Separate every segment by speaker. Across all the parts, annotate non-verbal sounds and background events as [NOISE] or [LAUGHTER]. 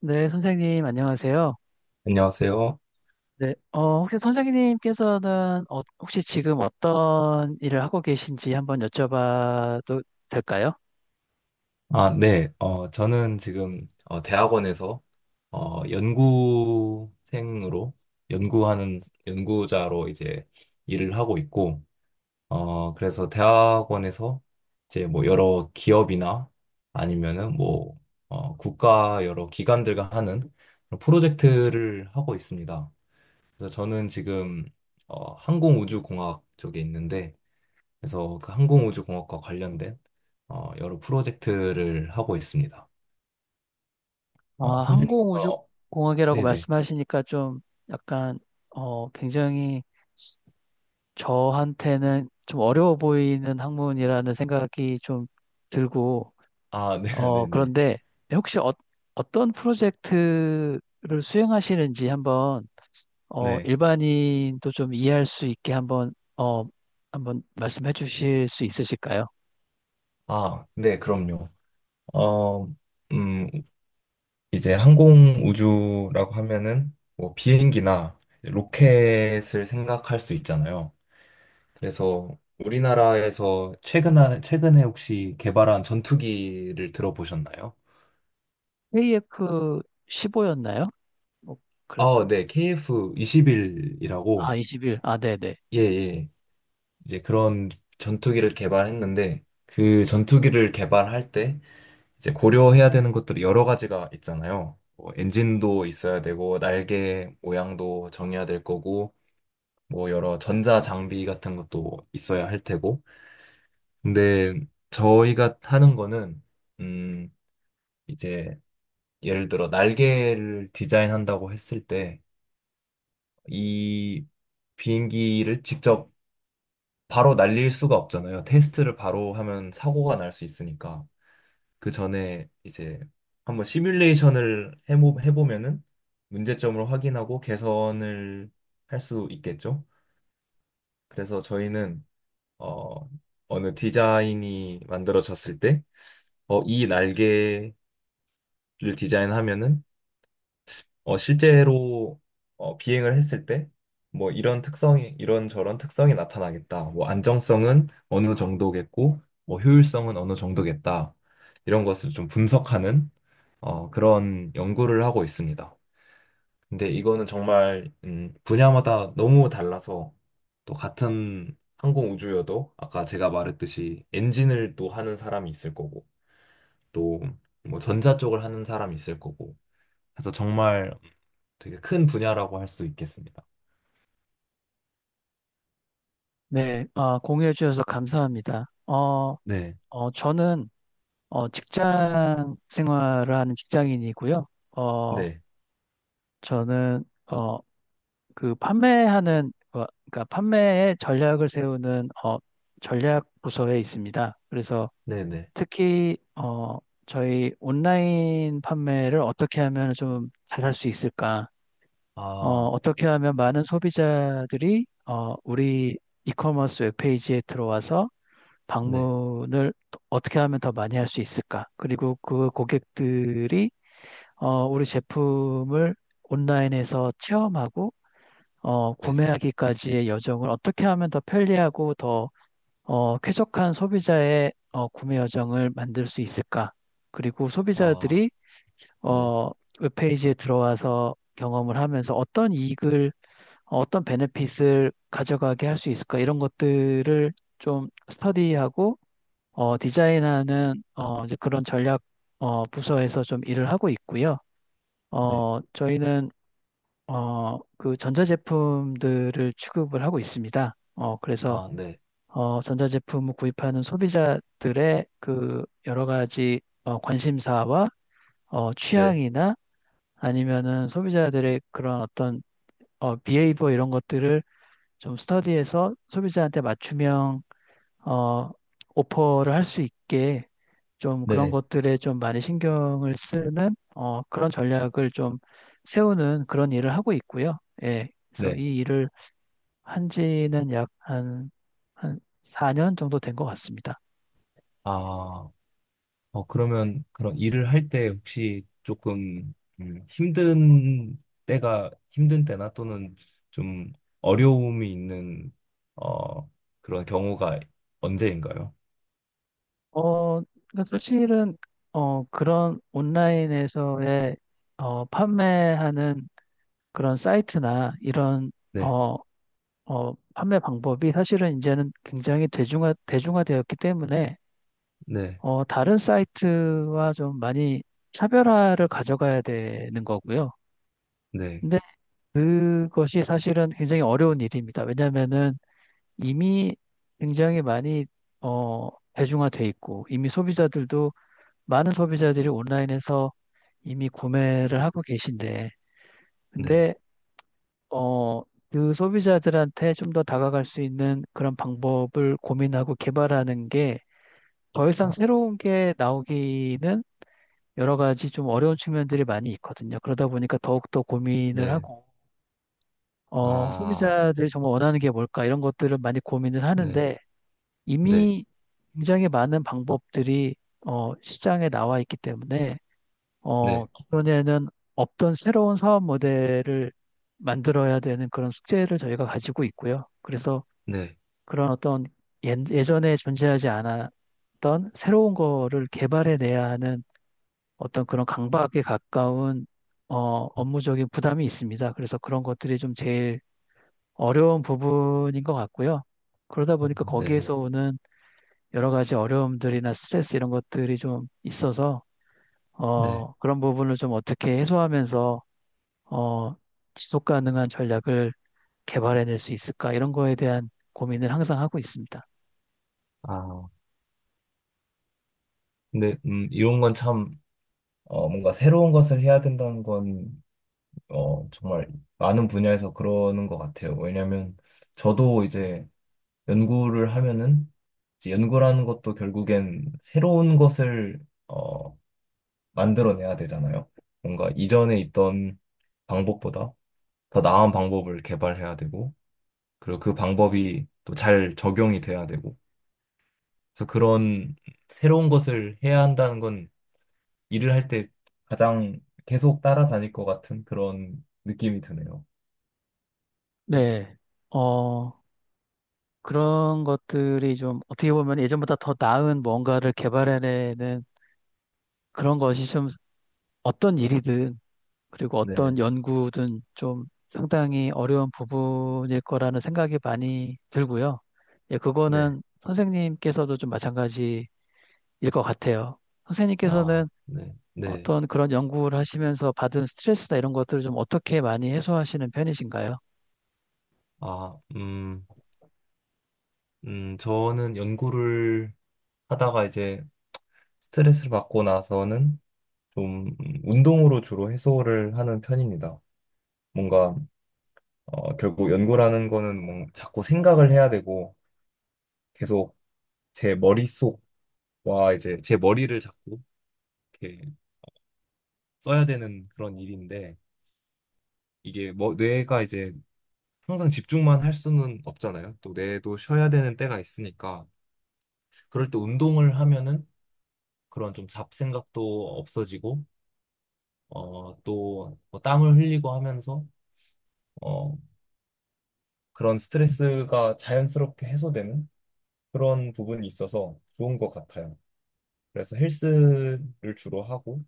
Speaker 1: 네, 선생님, 안녕하세요.
Speaker 2: 안녕하세요.
Speaker 1: 네, 혹시 선생님께서는 혹시 지금 어떤 일을 하고 계신지 한번 여쭤봐도 될까요?
Speaker 2: 아, 네. 저는 지금 대학원에서 연구생으로 연구하는 연구자로 이제 일을 하고 있고, 그래서 대학원에서 이제 뭐 여러 기업이나 아니면은 뭐 국가 여러 기관들과 하는 그런 프로젝트를 하고 있습니다. 그래서 저는 지금 항공우주공학 쪽에 있는데, 그래서 그 항공우주공학과 관련된 여러 프로젝트를 하고 있습니다.
Speaker 1: 아,
Speaker 2: 선생님,
Speaker 1: 항공우주공학이라고
Speaker 2: 네네.
Speaker 1: 말씀하시니까 좀 약간, 굉장히 저한테는 좀 어려워 보이는 학문이라는 생각이 좀 들고,
Speaker 2: 아, 네, [LAUGHS] 네네.
Speaker 1: 그런데 혹시 어떤 프로젝트를 수행하시는지 한번
Speaker 2: 네.
Speaker 1: 일반인도 좀 이해할 수 있게 한번, 어, 한번 말씀해 주실 수 있으실까요?
Speaker 2: 아, 네, 그럼요. 어, 음, 이제 항공우주라고 하면은 뭐 비행기나 이제 로켓을 생각할 수 있잖아요. 그래서 우리나라에서 최근에 혹시 개발한 전투기를 들어보셨나요?
Speaker 1: KF 15였나요? 뭐,
Speaker 2: 아,
Speaker 1: 그랬던,
Speaker 2: 네,
Speaker 1: 아,
Speaker 2: KF-21이라고,
Speaker 1: 21. 아, 네네.
Speaker 2: 예, 예. 이제 그런 전투기를 개발했는데 그 전투기를 개발할 때 이제 고려해야 되는 것들이 여러 가지가 있잖아요. 뭐 엔진도 있어야 되고 날개 모양도 정해야 될 거고 뭐 여러 전자 장비 같은 것도 있어야 할 테고. 근데 저희가 하는 거는 음 이제 예를 들어 날개를 디자인한다고 했을 때 이 비행기를 직접 바로 날릴 수가 없잖아요. 테스트를 바로 하면 사고가 날 수 있으니까. 그 전에 이제 한번 시뮬레이션을 해보면은 문제점을 확인하고 개선을 할 수 있겠죠. 그래서 저희는 어, 어느 디자인이 만들어졌을 때 이 날개를 디자인하면은 실제로 비행을 했을 때 뭐 이런 저런 특성이 나타나겠다. 뭐 안정성은 어느 정도겠고 뭐 효율성은 어느 정도겠다. 이런 것을 좀 분석하는 그런 연구를 하고 있습니다. 근데 이거는 정말 분야마다 너무 달라서 또 같은 항공 우주여도 아까 제가 말했듯이 엔진을 또 하는 사람이 있을 거고 또 뭐 전자 쪽을 하는 사람이 있을 거고 그래서 정말 되게 큰 분야라고 할 수 있겠습니다.
Speaker 1: 네, 아, 공유해 주셔서 감사합니다.
Speaker 2: 네,
Speaker 1: 저는, 직장 생활을 하는 직장인이고요. 어,
Speaker 2: 네,
Speaker 1: 저는, 그 판매하는, 그러니까 판매의 전략을 세우는, 전략 부서에 있습니다. 그래서,
Speaker 2: 네, 네.
Speaker 1: 특히 저희 온라인 판매를 어떻게 하면 좀 잘할 수 있을까?
Speaker 2: 아,
Speaker 1: 떻게 하면 많은 소비자들이 우리 이커머스 웹페이지에 들어와서
Speaker 2: 네,
Speaker 1: 방문을 어떻게 하면 더 많이 할 수 있을까? 그리고 그 고객들이 우리 제품을 온라인에서 체험하고
Speaker 2: 네.
Speaker 1: 구매하기까지의 여정을 어떻게 하면 더 편리하고 더 쾌적한 소비자의 구매 여정을 만들 수 있을까? 그리고
Speaker 2: 아,
Speaker 1: 소비자들이
Speaker 2: 네,
Speaker 1: 어, 웹페이지에 들어와서 경험을 하면서 어떤 이익을, 어떤 베네핏을 가져가게 할 수 있을까? 이런 것들을 좀 스터디하고 디자인하는 이제 그런 전략 부서에서 좀 일을 하고 있고요.
Speaker 2: 네.
Speaker 1: 저희는 그 전자제품들을 취급을 하고 있습니다. 그래서
Speaker 2: 아, 네,
Speaker 1: 전자제품을 구입하는 소비자들의 그 여러 가지 관심사와
Speaker 2: 네,
Speaker 1: 취향이나 아니면은 소비자들의 그런 어떤 비헤이버 이런 것들을 좀 스터디해서 소비자한테 맞춤형 어, 오퍼를 할 수 있게 좀 그런
Speaker 2: 네.
Speaker 1: 것들에 좀 많이 신경을 쓰는 그런 전략을 좀 세우는 그런 일을 하고 있고요. 예. 그래서
Speaker 2: 네.
Speaker 1: 이 일을 한 지는 약 한 4년 정도 된 것 같습니다.
Speaker 2: 아. 그러면 그런 일을 할 때 혹시 조금 힘든 때나 또는 좀 어려움이 있는 어, 그런 경우가 언제인가요?
Speaker 1: 어, 그러니까 사실은, 그런 온라인에서의, 판매하는 그런 사이트나 이런,
Speaker 2: 네,
Speaker 1: 어, 판매 방법이 사실은 이제는 굉장히 대중화되었기 때문에,
Speaker 2: 네,
Speaker 1: 다른 사이트와 좀 많이 차별화를 가져가야 되는 거고요.
Speaker 2: 네,
Speaker 1: 근데 그것이 사실은 굉장히 어려운 일입니다. 왜냐면은 하 이미 굉장히 많이, 어, 대중화돼 있고, 이미 소비자들도 많은 소비자들이 온라인에서 이미 구매를 하고 계신데,
Speaker 2: 네,
Speaker 1: 근데, 어, 그 소비자들한테 좀 더 다가갈 수 있는 그런 방법을 고민하고 개발하는 게 더 이상
Speaker 2: 아,
Speaker 1: 새로운 게 나오기는 여러 가지 좀 어려운 측면들이 많이 있거든요. 그러다 보니까 더욱더 고민을
Speaker 2: 네,
Speaker 1: 하고,
Speaker 2: 아,
Speaker 1: 소비자들이 정말 원하는 게 뭘까 이런 것들을 많이 고민을
Speaker 2: 네,
Speaker 1: 하는데
Speaker 2: 네,
Speaker 1: 이미 굉장히 많은 방법들이 시장에 나와 있기 때문에
Speaker 2: 네,
Speaker 1: 기존에는 없던 새로운 사업 모델을 만들어야 되는 그런 숙제를 저희가 가지고 있고요. 그래서
Speaker 2: 네,
Speaker 1: 그런 어떤 예전에 존재하지 않았던 새로운 거를 개발해내야 하는 어떤 그런 강박에 가까운 업무적인 부담이 있습니다. 그래서 그런 것들이 좀 제일 어려운 부분인 것 같고요. 그러다 보니까
Speaker 2: 네,
Speaker 1: 거기에서 오는 여러 가지 어려움들이나 스트레스 이런 것들이 좀 있어서
Speaker 2: 네,
Speaker 1: 그런 부분을 좀 어떻게 해소하면서 어, 지속 가능한 전략을 개발해낼 수 있을까? 이런 거에 대한 고민을 항상 하고 있습니다.
Speaker 2: 아, 근데 이런 건 참 뭔가 새로운 것을 해야 된다는 건 정말 많은 분야에서 그러는 것 같아요. 왜냐면 저도 이제 연구를 하면은 이제 연구라는 것도 결국엔 새로운 것을 어, 만들어내야 되잖아요. 뭔가 이전에 있던 방법보다 더 나은 방법을 개발해야 되고, 그리고 그 방법이 또 잘 적용이 돼야 되고. 그래서 그런 새로운 것을 해야 한다는 건 일을 할 때 가장 계속 따라다닐 것 같은 그런 느낌이 드네요.
Speaker 1: 네. 어, 그런 것들이 좀 어떻게 보면 예전보다 더 나은 뭔가를 개발해내는 그런 것이 좀 어떤 일이든 그리고
Speaker 2: 네.
Speaker 1: 어떤 연구든 좀 상당히 어려운 부분일 거라는 생각이 많이 들고요. 예,
Speaker 2: 네.
Speaker 1: 그거는 선생님께서도 좀 마찬가지일 것 같아요.
Speaker 2: 아,
Speaker 1: 선생님께서는
Speaker 2: 네, 네.
Speaker 1: 어떤 그런 연구를 하시면서 받은 스트레스나 이런 것들을 좀 어떻게 많이 해소하시는 편이신가요?
Speaker 2: 아, 저는 연구를 하다가 이제 스트레스를 받고 나서는 좀 운동으로 주로 해소를 하는 편입니다. 뭔가, 결국 연구라는 거는 뭔 자꾸 생각을 해야 되고 계속 제 머릿속과 이제 제 머리를 자꾸 이렇게 써야 되는 그런 일인데 이게 뭐 뇌가 이제 항상 집중만 할 수는 없잖아요. 또 뇌도 쉬어야 되는 때가 있으니까 그럴 때 운동을 하면은 그런 좀 잡생각도 없어지고 또뭐 땀을 흘리고 하면서 어, 그런 스트레스가 자연스럽게 해소되는 그런 부분이 있어서 좋은 것 같아요. 그래서 헬스를 주로 하고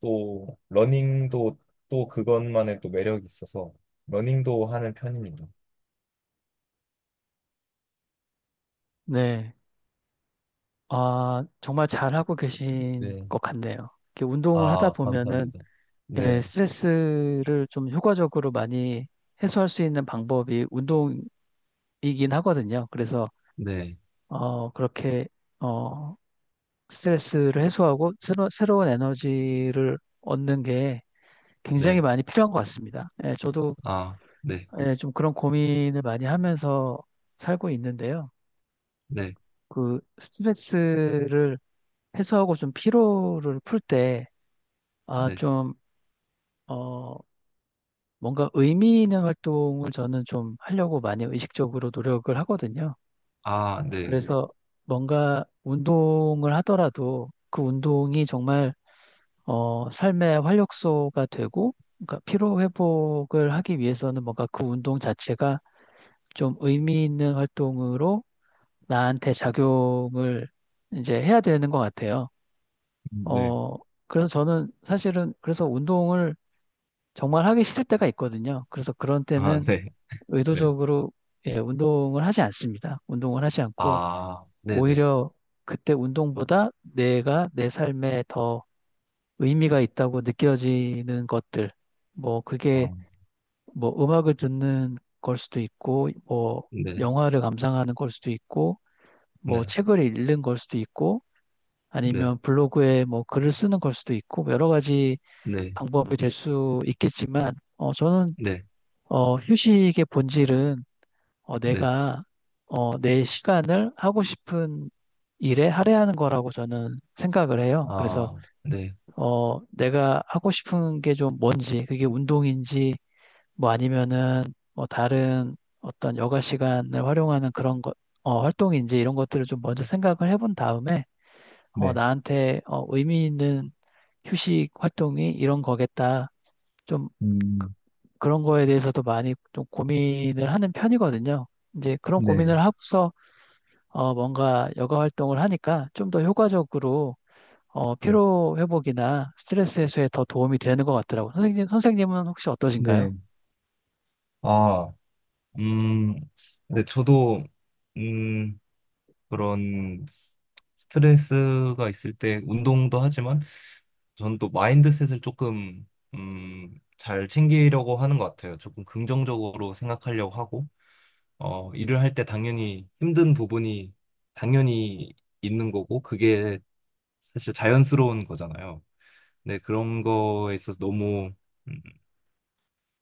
Speaker 2: 또 러닝도 또 그것만의 또 매력이 있어서 러닝도 하는 편입니다.
Speaker 1: 네. 아, 정말 잘하고 계신
Speaker 2: 네.
Speaker 1: 것 같네요. 이렇게 운동을 하다
Speaker 2: 아,
Speaker 1: 보면은
Speaker 2: 감사합니다.
Speaker 1: 예,
Speaker 2: 네.
Speaker 1: 스트레스를 좀 효과적으로 많이 해소할 수 있는 방법이 운동이긴 하거든요. 그래서
Speaker 2: 네.
Speaker 1: 그렇게 어, 스트레스를 해소하고 새로운 에너지를 얻는 게 굉장히
Speaker 2: 네.
Speaker 1: 많이 필요한 것 같습니다. 예, 저도
Speaker 2: 아, 네.
Speaker 1: 예, 좀 그런 고민을 많이 하면서 살고 있는데요.
Speaker 2: 네.
Speaker 1: 그 스트레스를 해소하고 좀 피로를 풀 때, 아,
Speaker 2: 네.
Speaker 1: 좀, 어, 뭔가 의미 있는 활동을 저는 좀 하려고 많이 의식적으로 노력을 하거든요.
Speaker 2: 아, 네.
Speaker 1: 그래서 뭔가 운동을 하더라도 그 운동이 정말, 삶의 활력소가 되고, 그러니까 피로 회복을 하기 위해서는 뭔가 그 운동 자체가 좀 의미 있는 활동으로 나한테 작용을 이제 해야 되는 것 같아요.
Speaker 2: 네.
Speaker 1: 어, 그래서 저는 사실은 그래서 운동을 정말 하기 싫을 때가 있거든요. 그래서 그런
Speaker 2: 아,
Speaker 1: 때는
Speaker 2: 네. 네.
Speaker 1: 의도적으로 예, 운동을 하지 않습니다. 운동을 하지 않고
Speaker 2: 아, 네네.
Speaker 1: 오히려 그때 운동보다 내가 내 삶에 더 의미가 있다고 느껴지는 것들, 뭐
Speaker 2: 아,
Speaker 1: 그게 뭐 음악을 듣는 걸 수도 있고, 뭐
Speaker 2: 네,
Speaker 1: 영화를 감상하는 걸 수도 있고, 뭐
Speaker 2: 네,
Speaker 1: 책을 읽는 걸 수도 있고,
Speaker 2: 네,
Speaker 1: 아니면 블로그에 뭐 글을 쓰는 걸 수도 있고 여러 가지
Speaker 2: 네,
Speaker 1: 방법이 될 수 있겠지만 저는
Speaker 2: 네,
Speaker 1: 휴식의 본질은
Speaker 2: 네,
Speaker 1: 내가 내 시간을 하고 싶은 일에 할애하는 거라고 저는 생각을 해요. 그래서
Speaker 2: 아, 네,
Speaker 1: 내가 하고 싶은 게 좀 뭔지 그게 운동인지 뭐 아니면은 뭐 다른 어떤 여가 시간을 활용하는 그런 것 활동인지 이런 것들을 좀 먼저 생각을 해본 다음에
Speaker 2: 네,
Speaker 1: 나한테 의미 있는 휴식 활동이 이런 거겠다. 좀 그-
Speaker 2: 음,
Speaker 1: 그런 거에 대해서도 많이 좀 고민을 하는 편이거든요. 이제 그런
Speaker 2: 네,
Speaker 1: 고민을 하고서 뭔가 여가 활동을 하니까 좀 더 효과적으로
Speaker 2: 네,
Speaker 1: 피로 회복이나 스트레스 해소에 더 도움이 되는 것 같더라고요. 선생님, 선생님은 혹시 어떠신가요?
Speaker 2: 네, 아, 음, 네, 저도, 음, 그런 스트레스가 있을 때 운동도 하지만, 저는 또 마인드셋을 조금, 잘 챙기려고 하는 것 같아요. 조금 긍정적으로 생각하려고 하고, 일을 할 때 당연히 힘든 부분이 당연히 있는 거고, 그게 사실 자연스러운 거잖아요. 근데 그런 거에 있어서 너무, 음,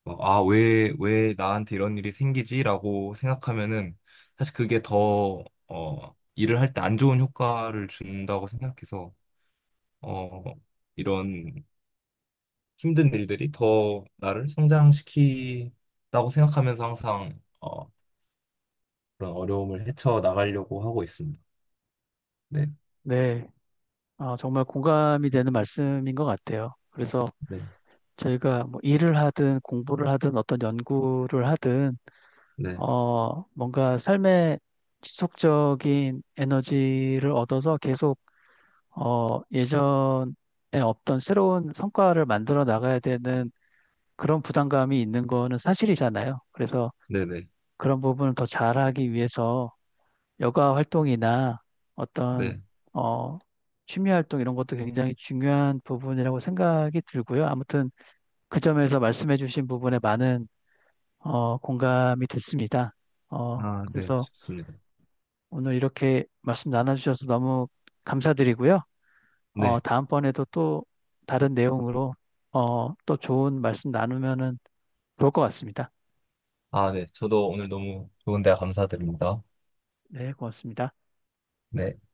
Speaker 2: 뭐, 아, 왜 나한테 이런 일이 생기지라고 생각하면은 사실 그게 더, 일을 할 때 안 좋은 효과를 준다고 생각해서, 어, 이런 힘든 일들이 더 나를 성장시키다고 생각하면서 항상, 그런 어려움을 헤쳐 나가려고 하고 있습니다. 네.
Speaker 1: 네, 정말 공감이 되는 말씀인 것 같아요. 그래서
Speaker 2: 네,
Speaker 1: 저희가 뭐 일을 하든 공부를 하든 어떤 연구를 하든
Speaker 2: 네,
Speaker 1: 뭔가 삶의 지속적인 에너지를 얻어서 계속 예전에 없던 새로운 성과를 만들어 나가야 되는 그런 부담감이 있는 거는 사실이잖아요. 그래서
Speaker 2: 네, 네,
Speaker 1: 그런 부분을 더 잘하기 위해서 여가 활동이나 어떤
Speaker 2: 네.
Speaker 1: 어, 취미 활동 이런 것도 굉장히 중요한 부분이라고 생각이 들고요. 아무튼 그 점에서 말씀해 주신 부분에 많은 공감이 됐습니다.
Speaker 2: 아, 네,
Speaker 1: 그래서
Speaker 2: 좋습니다.
Speaker 1: 오늘 이렇게 말씀 나눠주셔서 너무 감사드리고요.
Speaker 2: 네.
Speaker 1: 다음번에도 또 다른 내용으로 또 좋은 말씀 나누면은 좋을 것 같습니다.
Speaker 2: 아, 네. 저도 오늘 너무 좋은 대화 감사드립니다.
Speaker 1: 네, 고맙습니다.
Speaker 2: 네.